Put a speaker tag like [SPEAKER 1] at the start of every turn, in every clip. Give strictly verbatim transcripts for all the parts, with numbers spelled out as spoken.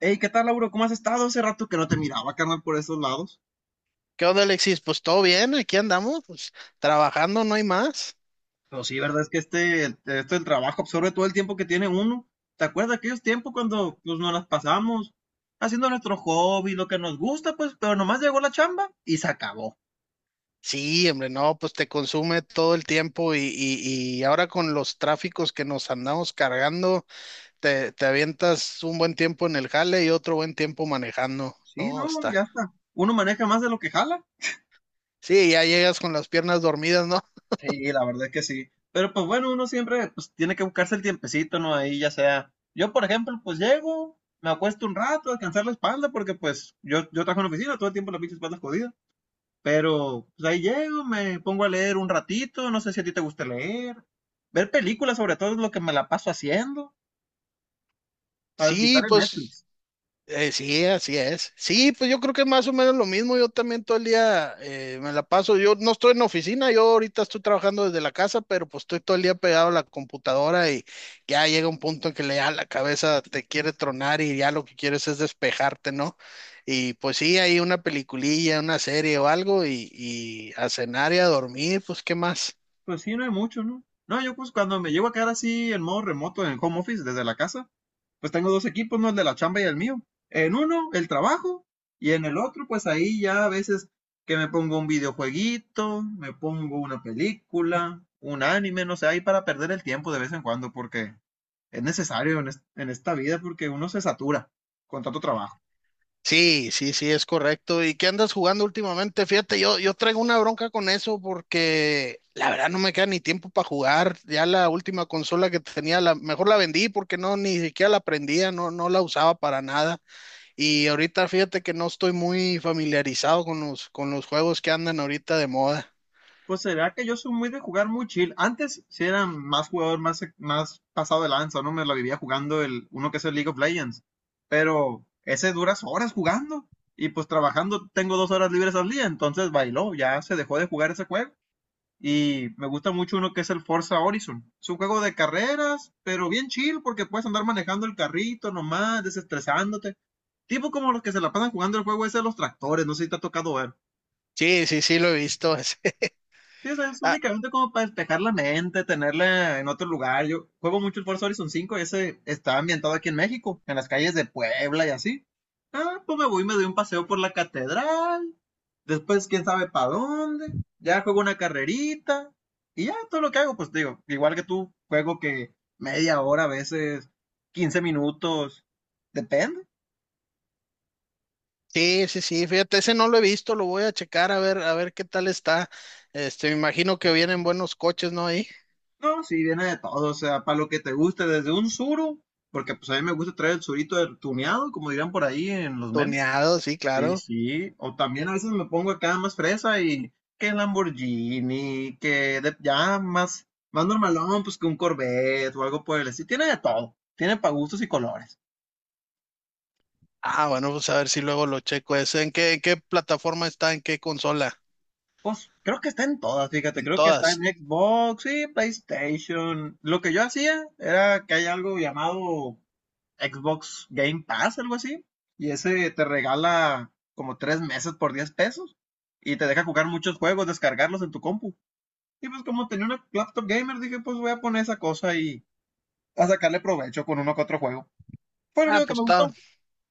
[SPEAKER 1] Hey, ¿qué tal, Lauro? ¿Cómo has estado? Hace rato que no te miraba, carnal, por esos lados.
[SPEAKER 2] ¿Qué onda, Alexis? Pues todo bien, aquí andamos, pues trabajando, no hay más.
[SPEAKER 1] Pero sí, verdad es que este, este el trabajo absorbe todo el tiempo que tiene uno. ¿Te acuerdas de aquellos tiempos cuando pues, nos las pasamos haciendo nuestro hobby, lo que nos gusta, pues, pero nomás llegó la chamba y se acabó?
[SPEAKER 2] Sí, hombre, no, pues te consume todo el tiempo y, y, y ahora con los tráficos que nos andamos cargando, te, te avientas un buen tiempo en el jale y otro buen tiempo manejando.
[SPEAKER 1] Sí, no,
[SPEAKER 2] No, está.
[SPEAKER 1] ya está. Uno maneja más de lo que jala.
[SPEAKER 2] Sí, ya llegas con las piernas dormidas, ¿no?
[SPEAKER 1] Sí, la verdad es que sí. Pero pues bueno, uno siempre pues tiene que buscarse el tiempecito, ¿no? Ahí ya sea. Yo, por ejemplo, pues llego, me acuesto un rato a descansar la espalda porque pues yo, yo trabajo en oficina, todo el tiempo la pinche espalda es jodida. Pero pues ahí llego, me pongo a leer un ratito, no sé si a ti te gusta leer. Ver películas sobre todo es lo que me la paso haciendo para desquitar
[SPEAKER 2] Sí,
[SPEAKER 1] en
[SPEAKER 2] pues.
[SPEAKER 1] Netflix.
[SPEAKER 2] Eh, sí, así es. Sí, pues yo creo que más o menos lo mismo. Yo también todo el día eh, me la paso. Yo no estoy en la oficina, yo ahorita estoy trabajando desde la casa, pero pues estoy todo el día pegado a la computadora y ya llega un punto en que le, ya la cabeza te quiere tronar y ya lo que quieres es despejarte, ¿no? Y pues sí, hay una peliculilla, una serie o algo y, y a cenar y a dormir, pues ¿qué más?
[SPEAKER 1] Pues sí, no hay mucho, ¿no? No, yo pues cuando me llego a quedar así en modo remoto en home office desde la casa, pues tengo dos equipos, ¿no? El de la chamba y el mío. En uno, el trabajo, y en el otro, pues ahí ya a veces que me pongo un videojueguito, me pongo una película, un anime, no sé, ahí para perder el tiempo de vez en cuando, porque es necesario en, es- en esta vida porque uno se satura con tanto trabajo.
[SPEAKER 2] Sí, sí, sí, es correcto. ¿Y qué andas jugando últimamente? Fíjate, yo, yo traigo una bronca con eso porque la verdad no me queda ni tiempo para jugar. Ya la última consola que tenía, la, mejor la vendí porque no, ni siquiera la prendía, no, no la usaba para nada. Y ahorita fíjate que no estoy muy familiarizado con los, con los juegos que andan ahorita de moda.
[SPEAKER 1] Pues será que yo soy muy de jugar muy chill. Antes sí era más jugador, más, e-, más pasado de lanza, ¿no? Me la vivía jugando el, uno que es el League of Legends. Pero ese duras horas jugando. Y pues trabajando tengo dos horas libres al día, entonces bailó, ya se dejó de jugar ese juego. Y me gusta mucho uno que es el Forza Horizon. Es un juego de carreras, pero bien chill porque puedes andar manejando el carrito nomás, desestresándote. Tipo como los que se la pasan jugando el juego ese de los tractores, no sé si te ha tocado ver.
[SPEAKER 2] Sí, sí, sí, lo he visto. ese.
[SPEAKER 1] Sí, o sea, es
[SPEAKER 2] Ah,
[SPEAKER 1] únicamente como para despejar la mente, tenerla en otro lugar. Yo juego mucho el Forza Horizon cinco. Ese está ambientado aquí en México, en las calles de Puebla y así. Ah, pues me voy y me doy un paseo por la catedral. Después, quién sabe para dónde. Ya juego una carrerita. Y ya todo lo que hago, pues digo, igual que tú, juego que media hora a veces, quince minutos, depende.
[SPEAKER 2] sí, sí, sí, fíjate, ese no lo he visto, lo voy a checar a ver, a ver qué tal está. Este, me imagino que vienen buenos coches, ¿no? Ahí.
[SPEAKER 1] No, sí, viene de todo, o sea, para lo que te guste, desde un suru, porque pues a mí me gusta traer el surito del tuneado, como dirán por ahí en los memes.
[SPEAKER 2] Tuneado, sí,
[SPEAKER 1] Sí,
[SPEAKER 2] claro.
[SPEAKER 1] sí, o también a veces me pongo acá más fresa y que Lamborghini, que de- ya más, más normalón, pues que un Corvette o algo por el estilo. Tiene de todo, tiene para gustos y colores.
[SPEAKER 2] Ah, bueno, pues a ver si luego lo checo ese. ¿En qué, en qué plataforma está? ¿En qué consola?
[SPEAKER 1] Pues creo que está en todas, fíjate,
[SPEAKER 2] En
[SPEAKER 1] creo que está en
[SPEAKER 2] todas.
[SPEAKER 1] Xbox y PlayStation. Lo que yo hacía era que hay algo llamado Xbox Game Pass, algo así. Y ese te regala como tres meses por diez pesos. Y te deja jugar muchos juegos, descargarlos en tu compu. Y pues como tenía una laptop gamer, dije, pues voy a poner esa cosa y a sacarle provecho con uno que otro juego. Fue lo
[SPEAKER 2] Ah,
[SPEAKER 1] único que
[SPEAKER 2] pues
[SPEAKER 1] me
[SPEAKER 2] está,
[SPEAKER 1] gustó.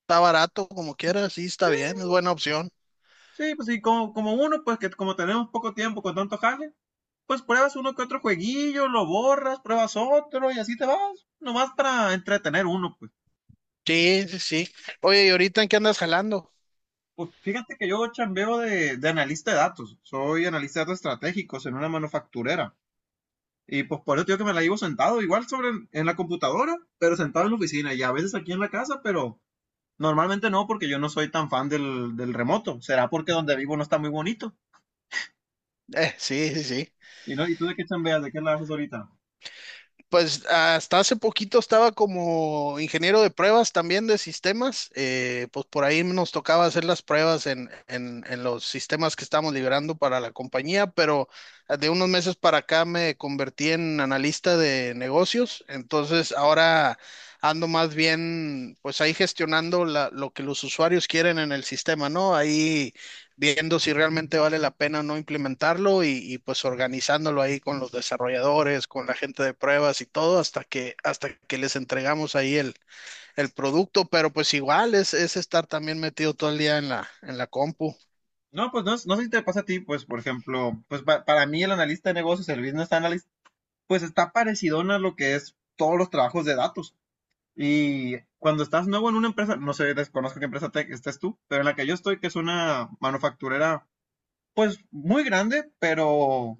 [SPEAKER 2] está barato como quieras, sí, está
[SPEAKER 1] Sí,
[SPEAKER 2] bien, es buena opción.
[SPEAKER 1] sí, pues sí, como, como uno, pues que como tenemos poco tiempo con tanto jale, pues pruebas uno que otro jueguillo, lo borras, pruebas otro y así te vas. Nomás para entretener uno, pues.
[SPEAKER 2] Sí, sí, sí. Oye, ¿y ahorita en qué andas jalando?
[SPEAKER 1] Pues fíjate que yo chambeo de, de analista de datos, soy analista de datos estratégicos en una manufacturera. Y pues por eso te digo que me la llevo sentado, igual sobre en la computadora, pero sentado en la oficina y a veces aquí en la casa, pero normalmente no, porque yo no soy tan fan del, del remoto. Será porque donde vivo no está muy bonito.
[SPEAKER 2] Eh, sí, sí, sí.
[SPEAKER 1] ¿Y, no? ¿Y tú de qué chambeas? ¿De qué la haces ahorita?
[SPEAKER 2] Pues hasta hace poquito estaba como ingeniero de pruebas también de sistemas. eh, pues por ahí nos tocaba hacer las pruebas en, en- en los sistemas que estamos liberando para la compañía, pero ah, de unos meses para acá me convertí en analista de negocios. Entonces ahora ando más bien pues ahí gestionando la- lo que los usuarios quieren en el sistema, ¿no? Ahí viendo si realmente vale la pena o no implementarlo y, y, pues organizándolo ahí con los desarrolladores, con la gente de pruebas y todo hasta que hasta que les entregamos ahí el, el producto, pero pues igual es, es estar también metido todo el día en la, en la compu.
[SPEAKER 1] No, pues no, no sé si te pasa a ti, pues por ejemplo, pues pa- para mí el analista de negocios, el business analyst, pues está parecido a lo que es todos los trabajos de datos. Y cuando estás nuevo en una empresa, no sé, desconozco qué empresa te, estés tú, pero en la que yo estoy, que es una manufacturera, pues muy grande, pero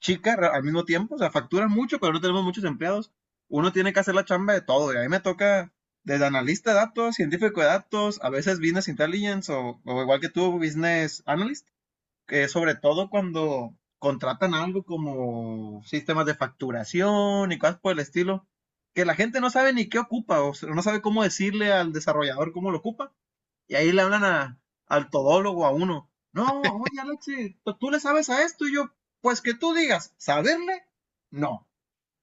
[SPEAKER 1] chica ra- al mismo tiempo, o sea, factura mucho, pero no tenemos muchos empleados. Uno tiene que hacer la chamba de todo, y a mí me toca desde analista de datos, científico de datos, a veces business intelligence o, o igual que tú, business analyst, eh, sobre todo cuando contratan algo como sistemas de facturación y cosas por el estilo, que la gente no sabe ni qué ocupa, o sea, no sabe cómo decirle al desarrollador cómo lo ocupa, y ahí le hablan a, al todólogo, a uno, no, oye Alexi, tú tú le sabes a esto, y yo, pues que tú digas, ¿saberle? No.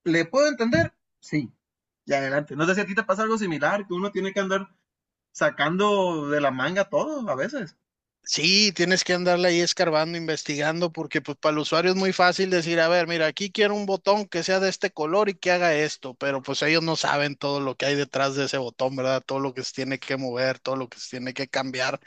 [SPEAKER 1] ¿Le puedo entender? Sí. Y adelante. No sé si a ti te pasa algo similar, que uno tiene que andar sacando de la manga todo a veces.
[SPEAKER 2] Sí, tienes que andarle ahí escarbando, investigando, porque pues para el usuario es muy fácil decir, a ver, mira, aquí quiero un botón que sea de este color y que haga esto, pero pues ellos no saben todo lo que hay detrás de ese botón, ¿verdad? Todo lo que se tiene que mover, todo lo que se tiene que cambiar.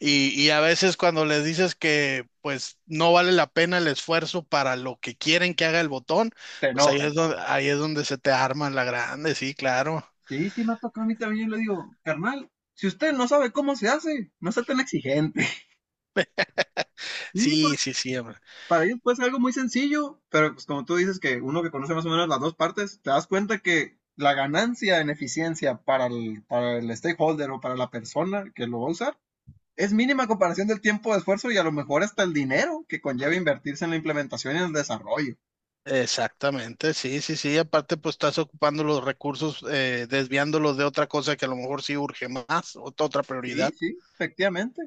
[SPEAKER 2] Y, y a veces cuando les dices que pues no vale la pena el esfuerzo para lo que quieren que haga el botón,
[SPEAKER 1] Te
[SPEAKER 2] pues ahí
[SPEAKER 1] enoja.
[SPEAKER 2] es donde, ahí es donde se te arma la grande, sí, claro.
[SPEAKER 1] Sí, sí me ha tocado a mí también, le digo, carnal, si usted no sabe cómo se hace, no sea tan exigente. Sí,
[SPEAKER 2] Sí,
[SPEAKER 1] porque
[SPEAKER 2] sí, sí, hombre.
[SPEAKER 1] para ellos puede ser algo muy sencillo, pero pues como tú dices que uno que conoce más o menos las dos partes, te das cuenta que la ganancia en eficiencia para el, para el stakeholder o para la persona que lo va a usar es mínima a comparación del tiempo de esfuerzo y a lo mejor hasta el dinero que conlleva invertirse en la implementación y en el desarrollo.
[SPEAKER 2] Exactamente, sí, sí, sí. Aparte, pues estás ocupando los recursos, eh, desviándolos de otra cosa que a lo mejor sí urge más, ot- otra
[SPEAKER 1] Sí,
[SPEAKER 2] prioridad.
[SPEAKER 1] sí, efectivamente.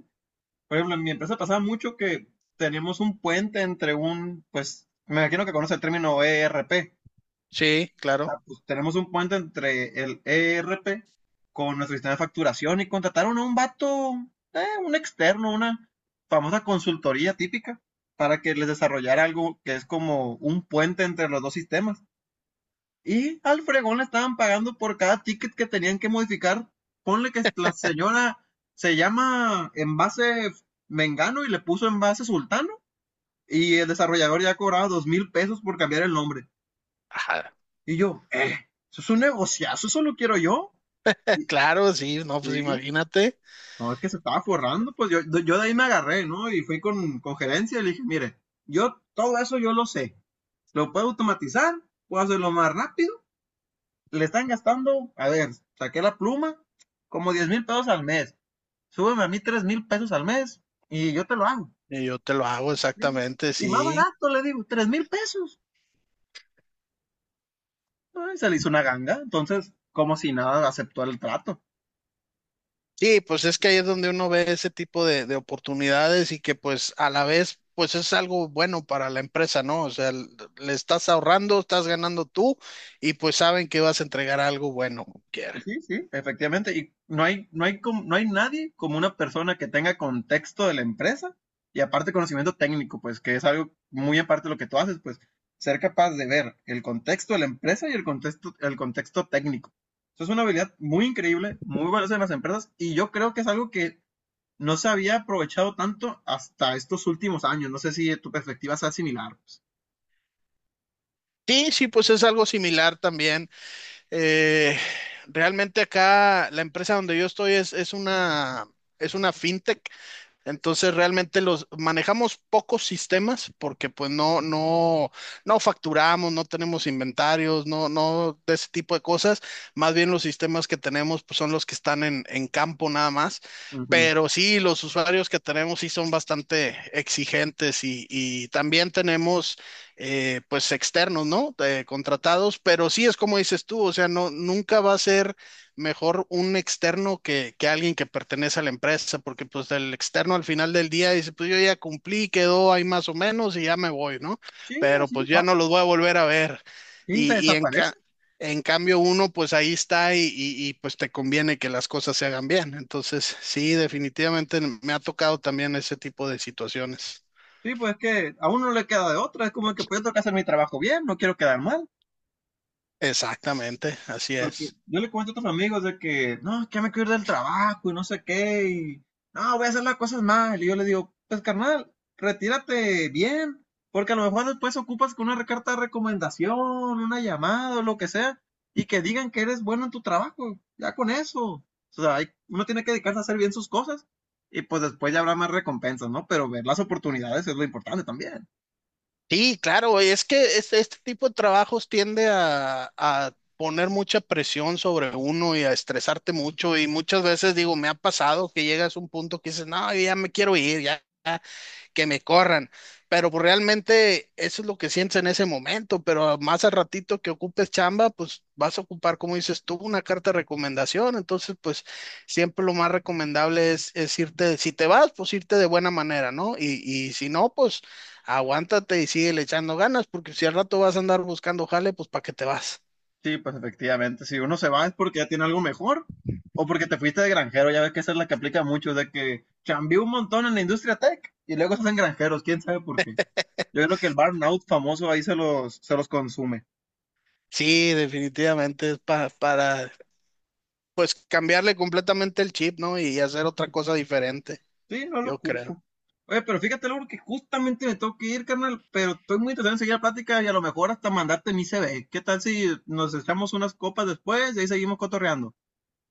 [SPEAKER 1] Por ejemplo, en mi empresa pasaba mucho que tenemos un puente entre un, pues, me imagino que conoce el término E R P.
[SPEAKER 2] Sí, claro.
[SPEAKER 1] Ah, pues, tenemos un puente entre el E R P con nuestro sistema de facturación y contrataron a un vato, eh, un externo, una famosa consultoría típica para que les desarrollara algo que es como un puente entre los dos sistemas. Y al fregón le estaban pagando por cada ticket que tenían que modificar. Ponle que la señora se llama envase Mengano y le puso envase Sultano. Y el desarrollador ya cobraba dos mil pesos por cambiar el nombre.
[SPEAKER 2] Ajá.
[SPEAKER 1] Y yo, eh, eso es un negociazo, eso lo quiero yo.
[SPEAKER 2] Claro, sí, no, pues
[SPEAKER 1] Sí,
[SPEAKER 2] imagínate.
[SPEAKER 1] no, es que se estaba forrando, pues yo, yo de ahí me agarré, ¿no? Y fui con, con gerencia y le dije, mire, yo todo eso yo lo sé. Lo puedo automatizar, puedo hacerlo más rápido, le están gastando, a ver, saqué la pluma, como diez mil pesos al mes. Súbeme a mí tres mil pesos al mes y yo te lo hago.
[SPEAKER 2] Y yo te lo hago exactamente,
[SPEAKER 1] Y más
[SPEAKER 2] sí.
[SPEAKER 1] barato, le digo, tres mil pesos. Se le hizo una ganga, entonces, como si nada, aceptó el trato.
[SPEAKER 2] Sí, pues es que ahí es donde uno ve ese tipo de, de oportunidades y que pues a la vez pues es algo bueno para la empresa, ¿no? O sea, l- le estás ahorrando, estás ganando tú y pues saben que vas a entregar algo bueno. quiera.
[SPEAKER 1] Sí, sí, efectivamente. Y no hay, no hay, com- no hay nadie como una persona que tenga contexto de la empresa y aparte conocimiento técnico, pues que es algo muy aparte de lo que tú haces, pues ser capaz de ver el contexto de la empresa y el contexto, el contexto técnico. Eso es una habilidad muy increíble, muy valiosa en las empresas y yo creo que es algo que no se había aprovechado tanto hasta estos últimos años. No sé si tu perspectiva sea similar. Pues.
[SPEAKER 2] Sí, sí, pues es algo similar también. Eh, Realmente acá la empresa donde yo estoy es, es una, es una fintech. Entonces realmente los manejamos pocos sistemas porque pues no, no, no facturamos, no tenemos inventarios, no, no de ese tipo de cosas. Más bien los sistemas que tenemos pues son los que están en, en campo nada más.
[SPEAKER 1] Ujú.
[SPEAKER 2] Pero sí, los usuarios que tenemos sí son bastante exigentes y, y también tenemos eh, pues externos, ¿no? Eh, contratados, pero sí es como dices tú, o sea, no, nunca va a ser mejor un externo que, que alguien que pertenece a la empresa, porque pues el externo al final del día dice, pues yo ya cumplí, quedó ahí más o menos y ya me voy, ¿no?
[SPEAKER 1] Sí,
[SPEAKER 2] Pero
[SPEAKER 1] así de
[SPEAKER 2] pues ya no
[SPEAKER 1] fácil.
[SPEAKER 2] los voy a volver a ver.
[SPEAKER 1] Sí, se
[SPEAKER 2] Y, y en,
[SPEAKER 1] desaparece.
[SPEAKER 2] ca- en cambio uno pues ahí está y, y- y, pues te conviene que las cosas se hagan bien. Entonces, sí, definitivamente me ha tocado también ese tipo de situaciones.
[SPEAKER 1] Sí, pues es que a uno no le queda de otra, es como que pues yo tengo que hacer mi trabajo bien, no quiero quedar mal,
[SPEAKER 2] Exactamente, así
[SPEAKER 1] porque
[SPEAKER 2] es.
[SPEAKER 1] yo le comento a otros amigos de que, no, es que ya me quiero ir del trabajo y no sé qué, y no, voy a hacer las cosas mal, y yo le digo, pues carnal, retírate bien, porque a lo mejor después ocupas con una carta de recomendación, una llamada o lo que sea, y que digan que eres bueno en tu trabajo, ya con eso, o sea, hay- uno tiene que dedicarse a hacer bien sus cosas, y pues después ya habrá más recompensas, ¿no? Pero ver las oportunidades es lo importante también.
[SPEAKER 2] Sí, claro, es que este, este tipo de trabajos tiende a, a poner mucha presión sobre uno y a estresarte mucho y muchas veces digo, me ha pasado que llegas a un punto que dices, no, yo ya me quiero ir, ya que me corran. Pero pues realmente eso es lo que sientes en ese momento, pero más al ratito que ocupes chamba, pues vas a ocupar, como dices tú, una carta de recomendación. Entonces, pues siempre lo más recomendable es, es irte, si te vas, pues irte de buena manera, ¿no? Y, y si no, pues aguántate y sigue le echando ganas, porque si al rato vas a andar buscando jale, pues ¿para qué te vas?
[SPEAKER 1] Sí, pues efectivamente, si uno se va es porque ya tiene algo mejor o porque te fuiste de granjero, ya ves que esa es la que aplica mucho, de que chambió un montón en la industria tech y luego se hacen granjeros, quién sabe por qué. Yo creo que el burnout famoso ahí se los, se los consume.
[SPEAKER 2] Sí, definitivamente es pa- para, pues cambiarle completamente el chip, ¿no? Y hacer otra cosa diferente,
[SPEAKER 1] Sí, no lo
[SPEAKER 2] yo creo.
[SPEAKER 1] culpo. Oye, pero fíjate, Laura, que justamente me tengo que ir, carnal, pero estoy muy interesado en seguir la plática y a lo mejor hasta mandarte mi C V. ¿Qué tal si nos echamos unas copas después y ahí seguimos cotorreando?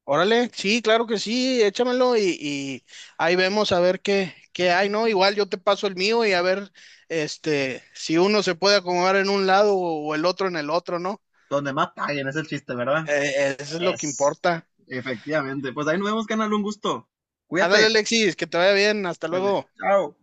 [SPEAKER 2] Órale, sí, claro que sí, échamelo y, y ahí vemos a ver qué, qué hay, ¿no? Igual yo te paso el mío y a ver, este, si uno se puede acomodar en un lado o, o el otro en el otro, ¿no?
[SPEAKER 1] Donde más paguen, es el chiste, ¿verdad?
[SPEAKER 2] Eh, eso es lo que
[SPEAKER 1] Es.
[SPEAKER 2] importa.
[SPEAKER 1] Efectivamente. Pues ahí nos vemos, canal. Un gusto.
[SPEAKER 2] Ándale,
[SPEAKER 1] Cuídate.
[SPEAKER 2] Alexis, que te vaya bien, hasta
[SPEAKER 1] Dale.
[SPEAKER 2] luego.
[SPEAKER 1] Chao.